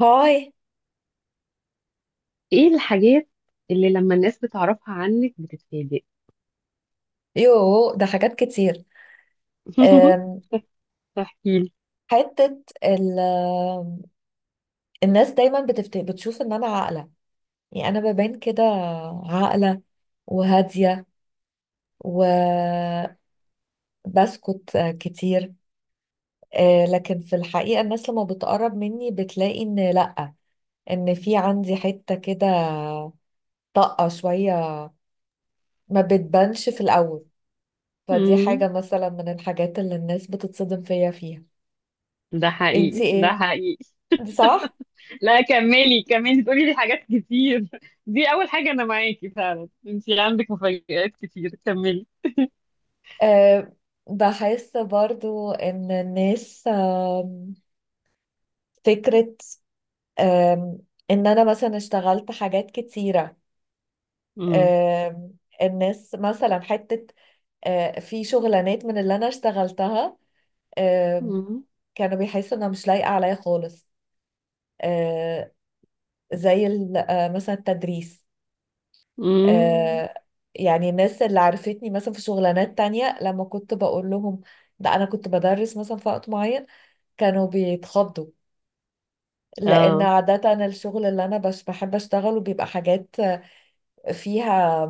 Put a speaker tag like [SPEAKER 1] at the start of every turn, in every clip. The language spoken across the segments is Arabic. [SPEAKER 1] هاي
[SPEAKER 2] ايه الحاجات اللي لما الناس بتعرفها عنك بتتفاجئ؟
[SPEAKER 1] يو، ده حاجات كتير. أم،
[SPEAKER 2] احكيلي.
[SPEAKER 1] حتة ال- الناس دايما بتفت... بتشوف ان انا عاقلة. يعني انا ببان كده عاقلة وهادية وبسكت كتير. أه، لكن في الحقيقة الناس لما بتقرب مني بتلاقي ان لأ، ان في عندي حتة كده، طاقة شوية ما بتبانش في الأول. فدي
[SPEAKER 2] امم
[SPEAKER 1] حاجة مثلا من الحاجات اللي الناس بتتصدم فيها.
[SPEAKER 2] ده
[SPEAKER 1] انتي
[SPEAKER 2] حقيقي ده
[SPEAKER 1] ايه؟
[SPEAKER 2] حقيقي.
[SPEAKER 1] صح؟
[SPEAKER 2] لا، كملي كملي، تقولي لي حاجات كتير. دي اول حاجة، انا معاكي فعلا، انتي عندك مفاجآت كتير، كملي.
[SPEAKER 1] أه، بحس برضو ان الناس فكرة، آم، ان انا مثلا اشتغلت حاجات كتيرة.
[SPEAKER 2] امم.
[SPEAKER 1] آم، الناس مثلا حتة آه، في شغلانات من اللي انا اشتغلتها، آم،
[SPEAKER 2] امم.
[SPEAKER 1] كانوا بيحسوا انها مش لايقة عليا خالص. آه، زي ال- آه، مثلا التدريس.
[SPEAKER 2] امم.
[SPEAKER 1] آه، يعني الناس اللي عرفتني مثلا في شغلانات تانية لما كنت بقول لهم ده انا كنت بدرس مثلا في وقت معين، كانوا بيتخضوا، لان
[SPEAKER 2] اه.
[SPEAKER 1] عادة الشغل اللي انا بش- بحب اشتغله بيبقى حاجات فيها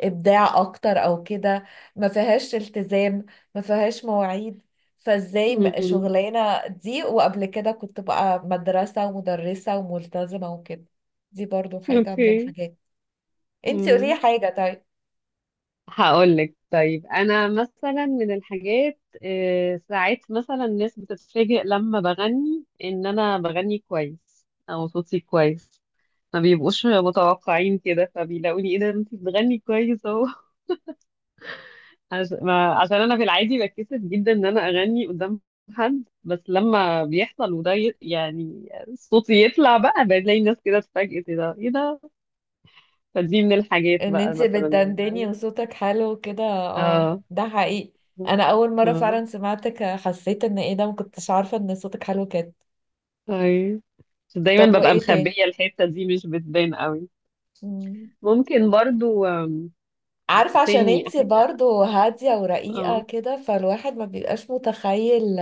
[SPEAKER 1] ابداع اكتر او كده، ما فيهاش التزام، ما فيهاش مواعيد. فازاي م-
[SPEAKER 2] امم.
[SPEAKER 1] شغلانة دي وقبل كده كنت بقى مدرسة ومدرسة وملتزمة وكده. دي برضو حاجة من
[SPEAKER 2] اوكي.
[SPEAKER 1] الحاجات. انتي قولي
[SPEAKER 2] امم.
[SPEAKER 1] حاجة طيب.
[SPEAKER 2] هقولك طيب، انا مثلا من الحاجات، ساعات مثلا الناس بتتفاجئ لما بغني، ان انا بغني كويس او صوتي كويس. ما بيبقوش متوقعين كده، فبيلاقوني ايه ده، انت بتغني كويس اهو. عشان انا في العادي بتكسف جدا ان انا اغني قدام حد، بس لما بيحصل وده يعني صوتي يطلع بقى، بلاقي الناس كده اتفاجئت، ايه ده ايه ده. فدي من الحاجات
[SPEAKER 1] ان
[SPEAKER 2] بقى،
[SPEAKER 1] انتي
[SPEAKER 2] مثلا
[SPEAKER 1] بتدندني وصوتك حلو وكده، اه
[SPEAKER 2] اه
[SPEAKER 1] ده حقيقي. انا اول مرة
[SPEAKER 2] اه
[SPEAKER 1] فعلا سمعتك حسيت ان ايه ده، ما كنتش عارفة ان صوتك حلو كده.
[SPEAKER 2] اي، بس
[SPEAKER 1] طب
[SPEAKER 2] دايما ببقى
[SPEAKER 1] وايه تاني؟
[SPEAKER 2] مخبية الحتة دي، مش بتبان قوي.
[SPEAKER 1] مم.
[SPEAKER 2] ممكن برضو،
[SPEAKER 1] عارفة، عشان
[SPEAKER 2] سني
[SPEAKER 1] انتي برضو هادية ورقيقة
[SPEAKER 2] اه
[SPEAKER 1] كده فالواحد ما بيبقاش متخيل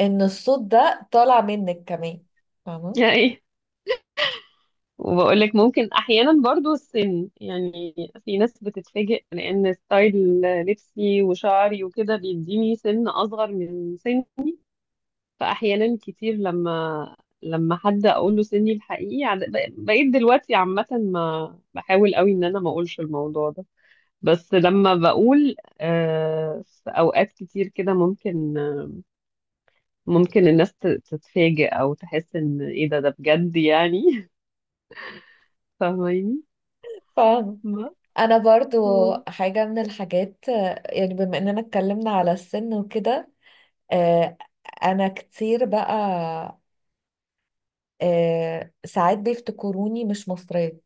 [SPEAKER 1] ان الصوت ده طالع منك كمان، فاهمة؟
[SPEAKER 2] يعني. وبقول لك ممكن احيانا برضو السن يعني. في ناس بتتفاجئ، لان ستايل لبسي وشعري وكده بيديني سن اصغر من سن. فاحيانا كتير لما حد اقول له سني الحقيقي، بقيت دلوقتي عامة ما بحاول قوي ان انا ما اقولش الموضوع ده. بس لما بقول، في اوقات كتير كده ممكن، ممكن الناس تتفاجئ او تحس ان ايه ده، ده بجد يعني. فاهماني؟
[SPEAKER 1] فاهمة.
[SPEAKER 2] بس.
[SPEAKER 1] انا برضو
[SPEAKER 2] مم.
[SPEAKER 1] حاجة من الحاجات آه، يعني بما اننا اتكلمنا على السن وكده، آه، انا كتير بقى آه، ساعات بيفتكروني مش مصرية.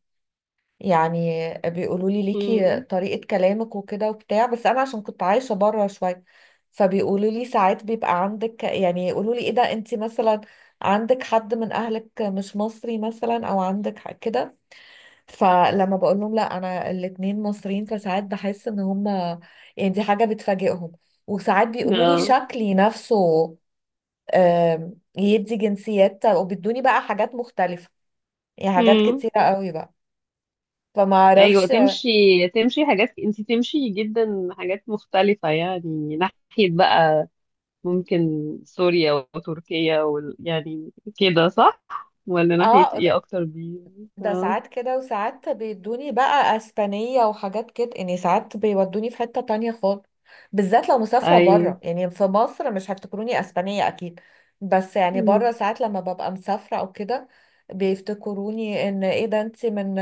[SPEAKER 1] يعني بيقولوا لي ليكي
[SPEAKER 2] مم.
[SPEAKER 1] طريقة كلامك وكده وبتاع، بس انا عشان كنت عايشة بره شوية، فبيقولوا لي ساعات بيبقى عندك، يعني يقولوا لي ايه ده انت مثلا عندك حد من اهلك مش مصري مثلا، او عندك ح- كده. فلما بقول لهم لا انا الاتنين مصريين، فساعات بحس ان هم، يعني دي حاجة بتفاجئهم. وساعات بيقولوا لي
[SPEAKER 2] اه.
[SPEAKER 1] شكلي نفسه يدي جنسيات، وبيدوني بقى حاجات مختلفة، يعني حاجات
[SPEAKER 2] مم.
[SPEAKER 1] كتيرة قوي بقى، فما
[SPEAKER 2] ايوه
[SPEAKER 1] اعرفش.
[SPEAKER 2] تمشي. تمشي حاجات انت، تمشي جدا حاجات مختلفة يعني، ناحية بقى، ممكن سوريا وتركيا يعني، كده صح؟ ولا ناحية ايه
[SPEAKER 1] اه،
[SPEAKER 2] اكتر دي؟
[SPEAKER 1] ده
[SPEAKER 2] اه.
[SPEAKER 1] ساعات كده وساعات بيدوني بقى اسبانية وحاجات كده، يعني ساعات بيودوني في حتة تانية خالص. بالذات لو مسافرة بره،
[SPEAKER 2] ايوه.
[SPEAKER 1] يعني في مصر مش هيفتكروني اسبانية اكيد، بس يعني بره
[SPEAKER 2] مم.
[SPEAKER 1] ساعات لما ببقى مسافرة او كده، بيفتكروني ان ايه ده انت من،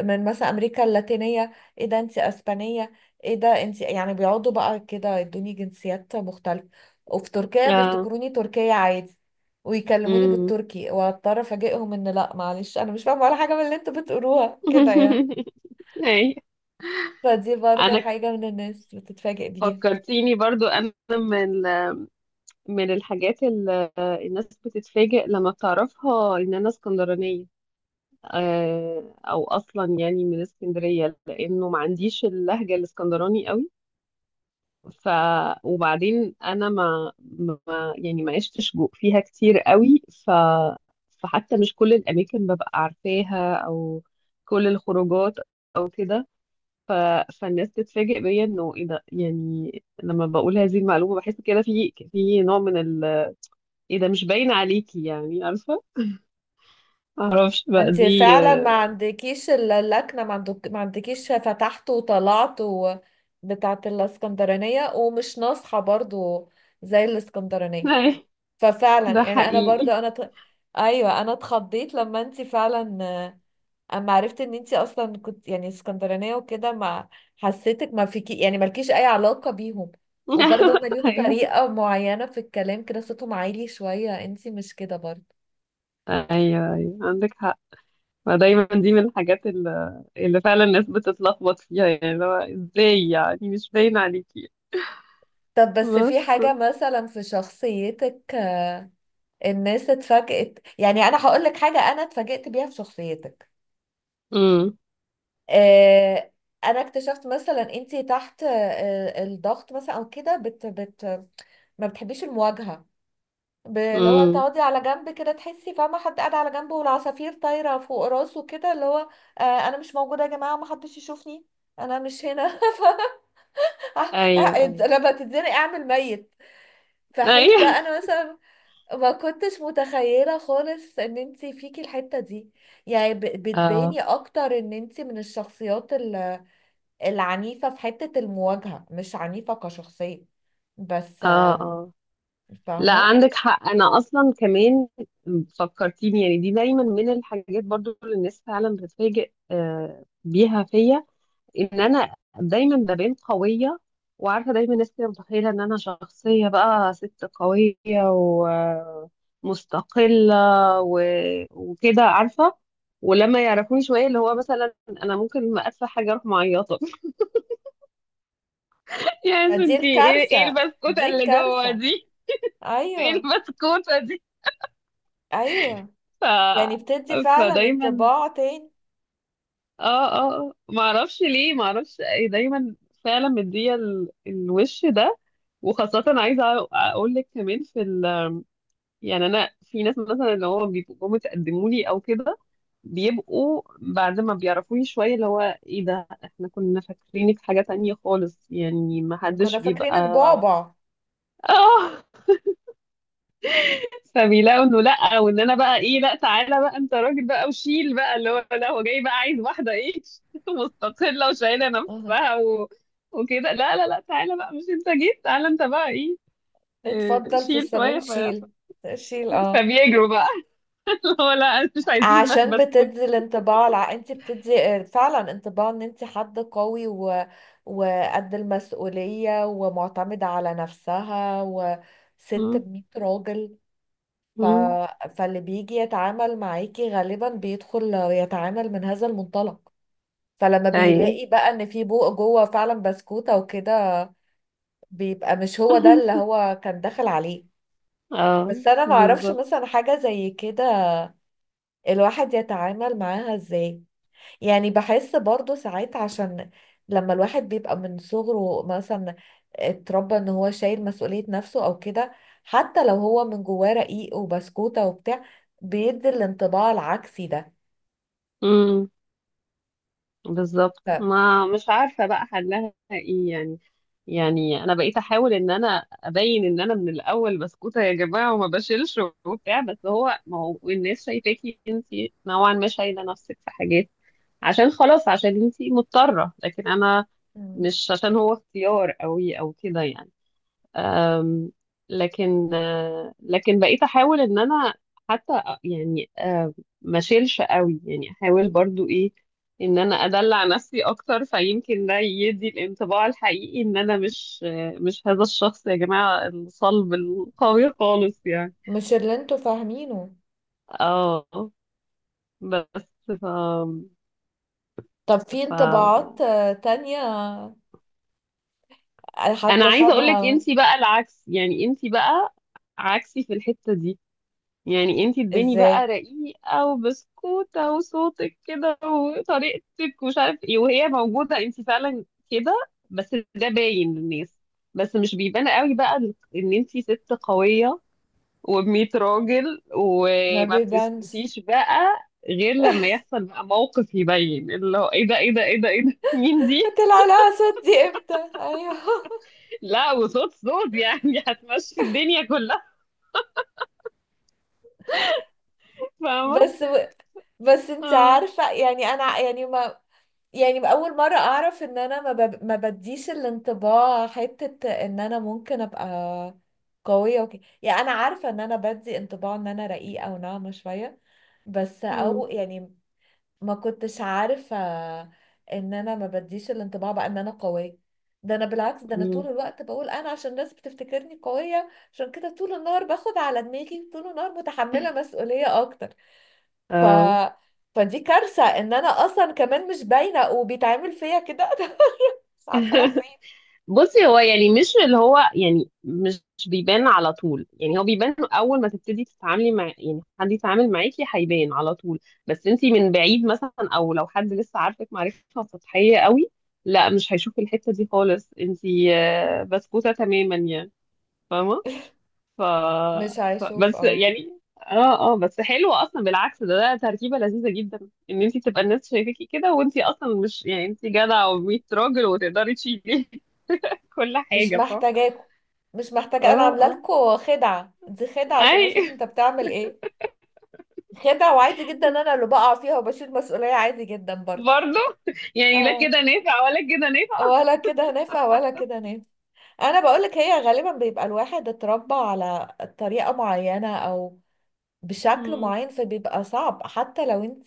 [SPEAKER 1] من مثلا امريكا اللاتينية، ايه ده انت اسبانية، ايه ده انت، يعني بيقعدوا بقى كده يدوني جنسيات مختلفة. وفي تركيا
[SPEAKER 2] اه.
[SPEAKER 1] بيفتكروني تركية عادي ويكلموني
[SPEAKER 2] مم.
[SPEAKER 1] بالتركي، واضطر افاجئهم ان لا معلش انا مش فاهمه ولا حاجه من اللي انتوا بتقولوها كده يعني.
[SPEAKER 2] اي.
[SPEAKER 1] فدي برضه
[SPEAKER 2] انا
[SPEAKER 1] حاجه من الناس بتتفاجئ بيها.
[SPEAKER 2] فكرتيني برضو، انا من الحاجات اللي الناس بتتفاجئ لما بتعرفها، ان انا اسكندرانيه. او اصلا يعني من اسكندريه، لانه ما عنديش اللهجه الاسكندراني قوي. ف وبعدين انا ما يعني ما عشتش فيها كتير قوي. فحتى مش كل الاماكن ببقى عارفاها، او كل الخروجات، او كده. ف... فالناس تتفاجئ بيا، انه ايه ده، يعني لما بقول هذه المعلومه بحس كده، في نوع من ايه ده مش باين عليكي، يعني عارفة. معرفش بقى،
[SPEAKER 1] انت
[SPEAKER 2] دي
[SPEAKER 1] فعلا ما عندكيش ال- اللكنه، ما عندك ما عندكيش فتحت وطلعت و... بتاعه الاسكندرانيه، ومش ناصحه برضه زي الاسكندرانيه.
[SPEAKER 2] أي،
[SPEAKER 1] ففعلا
[SPEAKER 2] ده
[SPEAKER 1] يعني انا
[SPEAKER 2] حقيقي.
[SPEAKER 1] برضه انا ت... ايوه انا اتخضيت لما انت فعلا اما عرفت ان انتي اصلا كنت يعني اسكندرانيه وكده، ما حسيتك، ما فيكي يعني مالكيش اي علاقه بيهم. وبرضه هما ليهم
[SPEAKER 2] ايوه
[SPEAKER 1] طريقه معينه في الكلام كده، صوتهم عالي شويه، انتي مش كده برضه.
[SPEAKER 2] ايوه ايوه، عندك حق. فدايما دي من الحاجات اللي فعلا الناس بتتلخبط فيها، يعني لو، ازاي يعني مش باين عليكي؟
[SPEAKER 1] طب بس في
[SPEAKER 2] بس.
[SPEAKER 1] حاجه مثلا في شخصيتك آه، الناس اتفاجئت، يعني انا هقول لك حاجه انا اتفاجئت بيها في شخصيتك.
[SPEAKER 2] امم.
[SPEAKER 1] آه، انا اكتشفت مثلا انتي تحت آه، الضغط مثلا او كده بت ما بتحبيش المواجهه. ب- اللي هو
[SPEAKER 2] امم.
[SPEAKER 1] تقعدي على جنب كده، تحسي فاهمة حد قاعد على جنبه والعصافير طايرة فوق راسه، كده اللي هو آه أنا مش موجودة يا جماعة، محدش يشوفني، أنا مش هنا
[SPEAKER 2] ايوه
[SPEAKER 1] ف-
[SPEAKER 2] ايوه
[SPEAKER 1] لما تتزنق أعمل ميت. في حين ده
[SPEAKER 2] ايوه.
[SPEAKER 1] أنا مثلا ما كنتش متخيلة خالص إن انتي فيكي الحتة دي. يعني ب-
[SPEAKER 2] اه
[SPEAKER 1] بتباني أكتر إن انتي من الشخصيات ال- العنيفة، في حتة المواجهة، مش عنيفة كشخصية بس
[SPEAKER 2] اه اه. لا،
[SPEAKER 1] فاهمة.
[SPEAKER 2] عندك حق، انا اصلا كمان. فكرتيني، يعني دي دايما من الحاجات برضو اللي الناس فعلا بتتفاجئ بيها فيا، ان انا دايما ببان قويه، وعارفه دايما الناس كده متخيله ان انا شخصيه بقى ست قويه، ومستقله و... وكده عارفه. ولما يعرفوني شويه، اللي هو مثلا انا ممكن ما ادفع حاجه اروح معيطه. يا
[SPEAKER 1] فدي
[SPEAKER 2] ياسمين، في ايه، ايه
[SPEAKER 1] الكارثة،
[SPEAKER 2] البسكوته
[SPEAKER 1] دي
[SPEAKER 2] اللي جوه
[SPEAKER 1] الكارثة،
[SPEAKER 2] دي؟ ايه
[SPEAKER 1] ايوه،
[SPEAKER 2] البسكوته دي؟
[SPEAKER 1] ايوه،
[SPEAKER 2] ف...
[SPEAKER 1] يعني بتدي فعلا
[SPEAKER 2] فدايما،
[SPEAKER 1] انطباع تاني.
[SPEAKER 2] اه اه ما اعرفش ليه، ما اعرفش إيه، دايما فعلا مديه الوش ده، وخاصه عايزه اقول لك كمان في يعني انا في ناس مثلا، اللي هو بيبقوا جم تقدموا لي او كده، بيبقوا بعد ما بيعرفوني شويه، اللي هو ايه ده، احنا كنا فاكرينك حاجه تانية خالص، يعني ما
[SPEAKER 1] كنا
[SPEAKER 2] حدش
[SPEAKER 1] فاكرينك
[SPEAKER 2] بيبقى.
[SPEAKER 1] بعبع.
[SPEAKER 2] اه. فبيلاقوا انه لا، وان انا بقى ايه، لا تعالى بقى انت راجل بقى، وشيل بقى، اللي هو لا، هو جاي بقى عايز واحده ايه، مستقله وشايله
[SPEAKER 1] اه.
[SPEAKER 2] نفسها وكده. لا لا لا، تعالى بقى، مش انت جيت، تعالى انت بقى ايه،
[SPEAKER 1] اتفضل في
[SPEAKER 2] شيل
[SPEAKER 1] الصالون،
[SPEAKER 2] شويه.
[SPEAKER 1] شيل، شيل، اه.
[SPEAKER 2] فبيجروا بقى. اللي هو لا، مش عايزين
[SPEAKER 1] عشان
[SPEAKER 2] بسكوت.
[SPEAKER 1] بتدي الانطباع الع... انت بتدي اه، فعلا انطباع ان انت حد قوي و... وقد المسؤولية ومعتمدة على نفسها وست
[SPEAKER 2] م-
[SPEAKER 1] ب100 راجل. ف...
[SPEAKER 2] م.
[SPEAKER 1] فاللي بيجي يتعامل معاكي غالبا بيدخل يتعامل من هذا المنطلق. فلما
[SPEAKER 2] ايوه.
[SPEAKER 1] بيلاقي بقى ان في بوق جوه فعلا بسكوتة وكده، بيبقى مش هو ده اللي هو كان داخل عليه.
[SPEAKER 2] اه
[SPEAKER 1] بس انا معرفش
[SPEAKER 2] بالظبط.
[SPEAKER 1] مثلا حاجة زي كده الواحد يتعامل معاها ازاي. يعني بحس برضو ساعات عشان لما الواحد بيبقى من صغره مثلا اتربى ان هو شايل مسؤولية نفسه او كده، حتى لو هو من جواه رقيق وبسكوتة وبتاع، بيدي الانطباع العكسي ده.
[SPEAKER 2] بالظبط،
[SPEAKER 1] ف...
[SPEAKER 2] ما مش عارفة بقى حلها ايه يعني. يعني انا بقيت احاول ان انا ابين ان انا من الاول بسكوتة يا جماعة، وما بشيلش وبتاع، بس هو ما هو الناس شايفاكي انت نوعا ما شايلة نفسك في حاجات، عشان خلاص، عشان انت مضطرة، لكن انا
[SPEAKER 1] مم.
[SPEAKER 2] مش عشان هو اختيار قوي او كده يعني. أم، لكن آه، لكن بقيت احاول ان انا حتى، ما اشيلش قوي يعني، احاول برضو ايه، ان انا ادلع نفسي اكتر، فيمكن ده يدي الانطباع الحقيقي ان انا مش هذا الشخص يا جماعة الصلب القوي خالص يعني.
[SPEAKER 1] مش اللي انتوا فاهمينه.
[SPEAKER 2] اه بس. ف
[SPEAKER 1] طب في
[SPEAKER 2] ف
[SPEAKER 1] انطباعات آه، تانية
[SPEAKER 2] انا
[SPEAKER 1] حد
[SPEAKER 2] عايزه اقول لك
[SPEAKER 1] خدها؟
[SPEAKER 2] انتي بقى العكس، يعني انتي بقى عكسي في الحتة دي، يعني انتي اداني بقى
[SPEAKER 1] ازاي
[SPEAKER 2] رقيقة وبسكوتة، وصوتك كده وطريقتك ومش عارف ايه، وهي موجودة انتي فعلا كده، بس ده باين للناس، بس مش بيبان قوي بقى ان انتي ست قوية وبمية راجل،
[SPEAKER 1] ما
[SPEAKER 2] وما
[SPEAKER 1] بيبانش،
[SPEAKER 2] بتسكتيش بقى، غير لما يحصل بقى موقف يبين اللي هو، ايه ده ايه ده ايه ده ايه ده، مين دي؟
[SPEAKER 1] طلع لها صوت دي امتى، ايوه
[SPEAKER 2] لا وصوت، صوت يعني، هتمشي الدنيا كلها. فاهمة؟
[SPEAKER 1] بس. بس انت
[SPEAKER 2] اه.
[SPEAKER 1] عارفة يعني انا يعني ما، يعني اول مرة اعرف ان انا ما, ب... ما بديش الانطباع حتة ان انا ممكن ابقى قوية وكده. يعني انا عارفة ان انا بدي انطباع ان انا رقيقة وناعمة شوية بس،
[SPEAKER 2] مم.
[SPEAKER 1] او يعني ما كنتش عارفة ان انا ما بديش الانطباع بقى ان انا قوية. ده انا بالعكس، ده انا طول
[SPEAKER 2] مم.
[SPEAKER 1] الوقت بقول انا عشان الناس بتفتكرني قوية عشان كده طول النهار باخد على دماغي، طول النهار متحملة مسؤولية اكتر. ف
[SPEAKER 2] اه.
[SPEAKER 1] فدي كارثة ان انا اصلا كمان مش باينة وبيتعمل فيا كده مش عارفة اروح فين.
[SPEAKER 2] بصي، هو يعني مش اللي هو يعني، مش بيبان على طول، يعني هو بيبان اول ما تبتدي تتعاملي مع، يعني حد يتعامل معاكي هيبان على طول، بس انتي من بعيد مثلا، او لو حد لسه عارفك معرفة سطحية قوي، لا مش هيشوف الحتة دي خالص، انتي بسكوتة تماما يعني، فاهمة؟ ف...
[SPEAKER 1] مش
[SPEAKER 2] ف
[SPEAKER 1] هيشوف
[SPEAKER 2] بس
[SPEAKER 1] اه.
[SPEAKER 2] يعني، اه اه، بس حلو اصلا بالعكس، ده تركيبة لذيذة جدا ان انتي تبقى الناس شايفاكي كده، وانتي اصلا مش، يعني انتي جدعة و100 راجل وتقدري تشيلي كل
[SPEAKER 1] مش
[SPEAKER 2] حاجة، فاهمة؟
[SPEAKER 1] محتاجاكوا، مش محتاجة، انا
[SPEAKER 2] اه
[SPEAKER 1] عاملة
[SPEAKER 2] اه
[SPEAKER 1] لكم خدعة، دي خدعة عشان
[SPEAKER 2] اي،
[SPEAKER 1] اشوف انت بتعمل ايه. خدعة وعادي جدا انا اللي بقع فيها وبشيل مسؤولية عادي جدا برضه.
[SPEAKER 2] برضو يعني لا
[SPEAKER 1] اه،
[SPEAKER 2] كده نافع ولا كده نافع.
[SPEAKER 1] ولا كده نافع ولا كده نافع. انا بقولك هي غالبا بيبقى الواحد اتربى على طريقة معينة او بشكل
[SPEAKER 2] مم.
[SPEAKER 1] معين، فبيبقى صعب حتى لو انت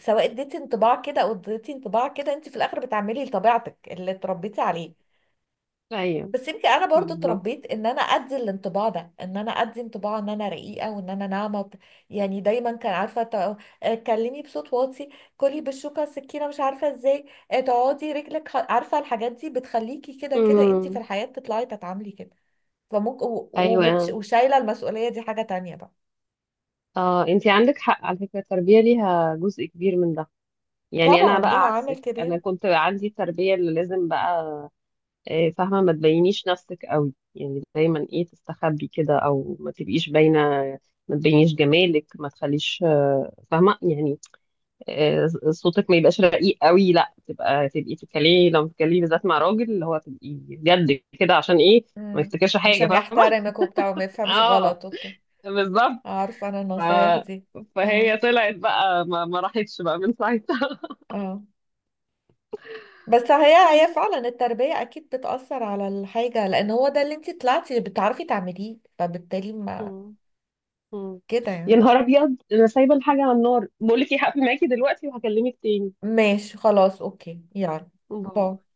[SPEAKER 1] سواء اديتي انطباع كده او اديتي انطباع كده، انت في الاخر بتعملي لطبيعتك اللي اتربيتي عليه.
[SPEAKER 2] ايوه
[SPEAKER 1] بس يمكن انا برضو
[SPEAKER 2] بالظبط.
[SPEAKER 1] اتربيت ان انا ادي الانطباع ده، ان انا ادي انطباع ان انا رقيقه وان انا ناعمه وبت- يعني دايما كان عارفه ت- آه، كلمي بصوت واطي، كلي بالشوكه السكينه، مش عارفه ازاي، آه، تقعدي رجلك ح- عارفه الحاجات دي بتخليكي كده. كده انت في
[SPEAKER 2] امم.
[SPEAKER 1] الحياه تطلعي تتعاملي كده. فممكن و- ومتش...
[SPEAKER 2] ايوه.
[SPEAKER 1] وشايله المسؤوليه دي حاجه تانية بقى.
[SPEAKER 2] اه انتي عندك حق على فكره، التربيه ليها جزء كبير من ده. يعني انا
[SPEAKER 1] طبعا
[SPEAKER 2] بقى
[SPEAKER 1] ليها
[SPEAKER 2] عكسك،
[SPEAKER 1] عامل
[SPEAKER 2] انا
[SPEAKER 1] كبير.
[SPEAKER 2] كنت عندي التربيه اللي لازم بقى، فاهمه، ما تبينيش نفسك قوي يعني، دايما ايه، تستخبي كده، او ما تبقيش باينه، ما تبينيش جمالك، ما تخليش فاهمه يعني، صوتك ما يبقاش رقيق قوي، لا تبقي تتكلمي، لو بتتكلمي بالذات مع راجل، اللي هو تبقي جد كده، عشان ايه، ما
[SPEAKER 1] امم.
[SPEAKER 2] يفتكرش حاجه،
[SPEAKER 1] عشان
[SPEAKER 2] فاهمه؟
[SPEAKER 1] يحترمك وبتاع وما يفهمش
[SPEAKER 2] اه
[SPEAKER 1] غلط وبتاع.
[SPEAKER 2] بالظبط.
[SPEAKER 1] عارفه انا
[SPEAKER 2] ف...
[SPEAKER 1] النصايح دي. اه
[SPEAKER 2] فهي طلعت بقى ما راحتش بقى من ساعتها.
[SPEAKER 1] اه. بس هي هي فعلا التربية أكيد بتأثر على الحاجة لأن هو ده اللي انتي طلعتي بتعرفي تعمليه، فبالتالي ما
[SPEAKER 2] مم. مم.
[SPEAKER 1] كده
[SPEAKER 2] يا
[SPEAKER 1] يعني.
[SPEAKER 2] نهار ابيض، انا سايبه الحاجه على النار، بقول لك ايه، هقفل معاكي دلوقتي وهكلمك تاني.
[SPEAKER 1] ماشي خلاص، أوكي، يلا،
[SPEAKER 2] باي.
[SPEAKER 1] باي.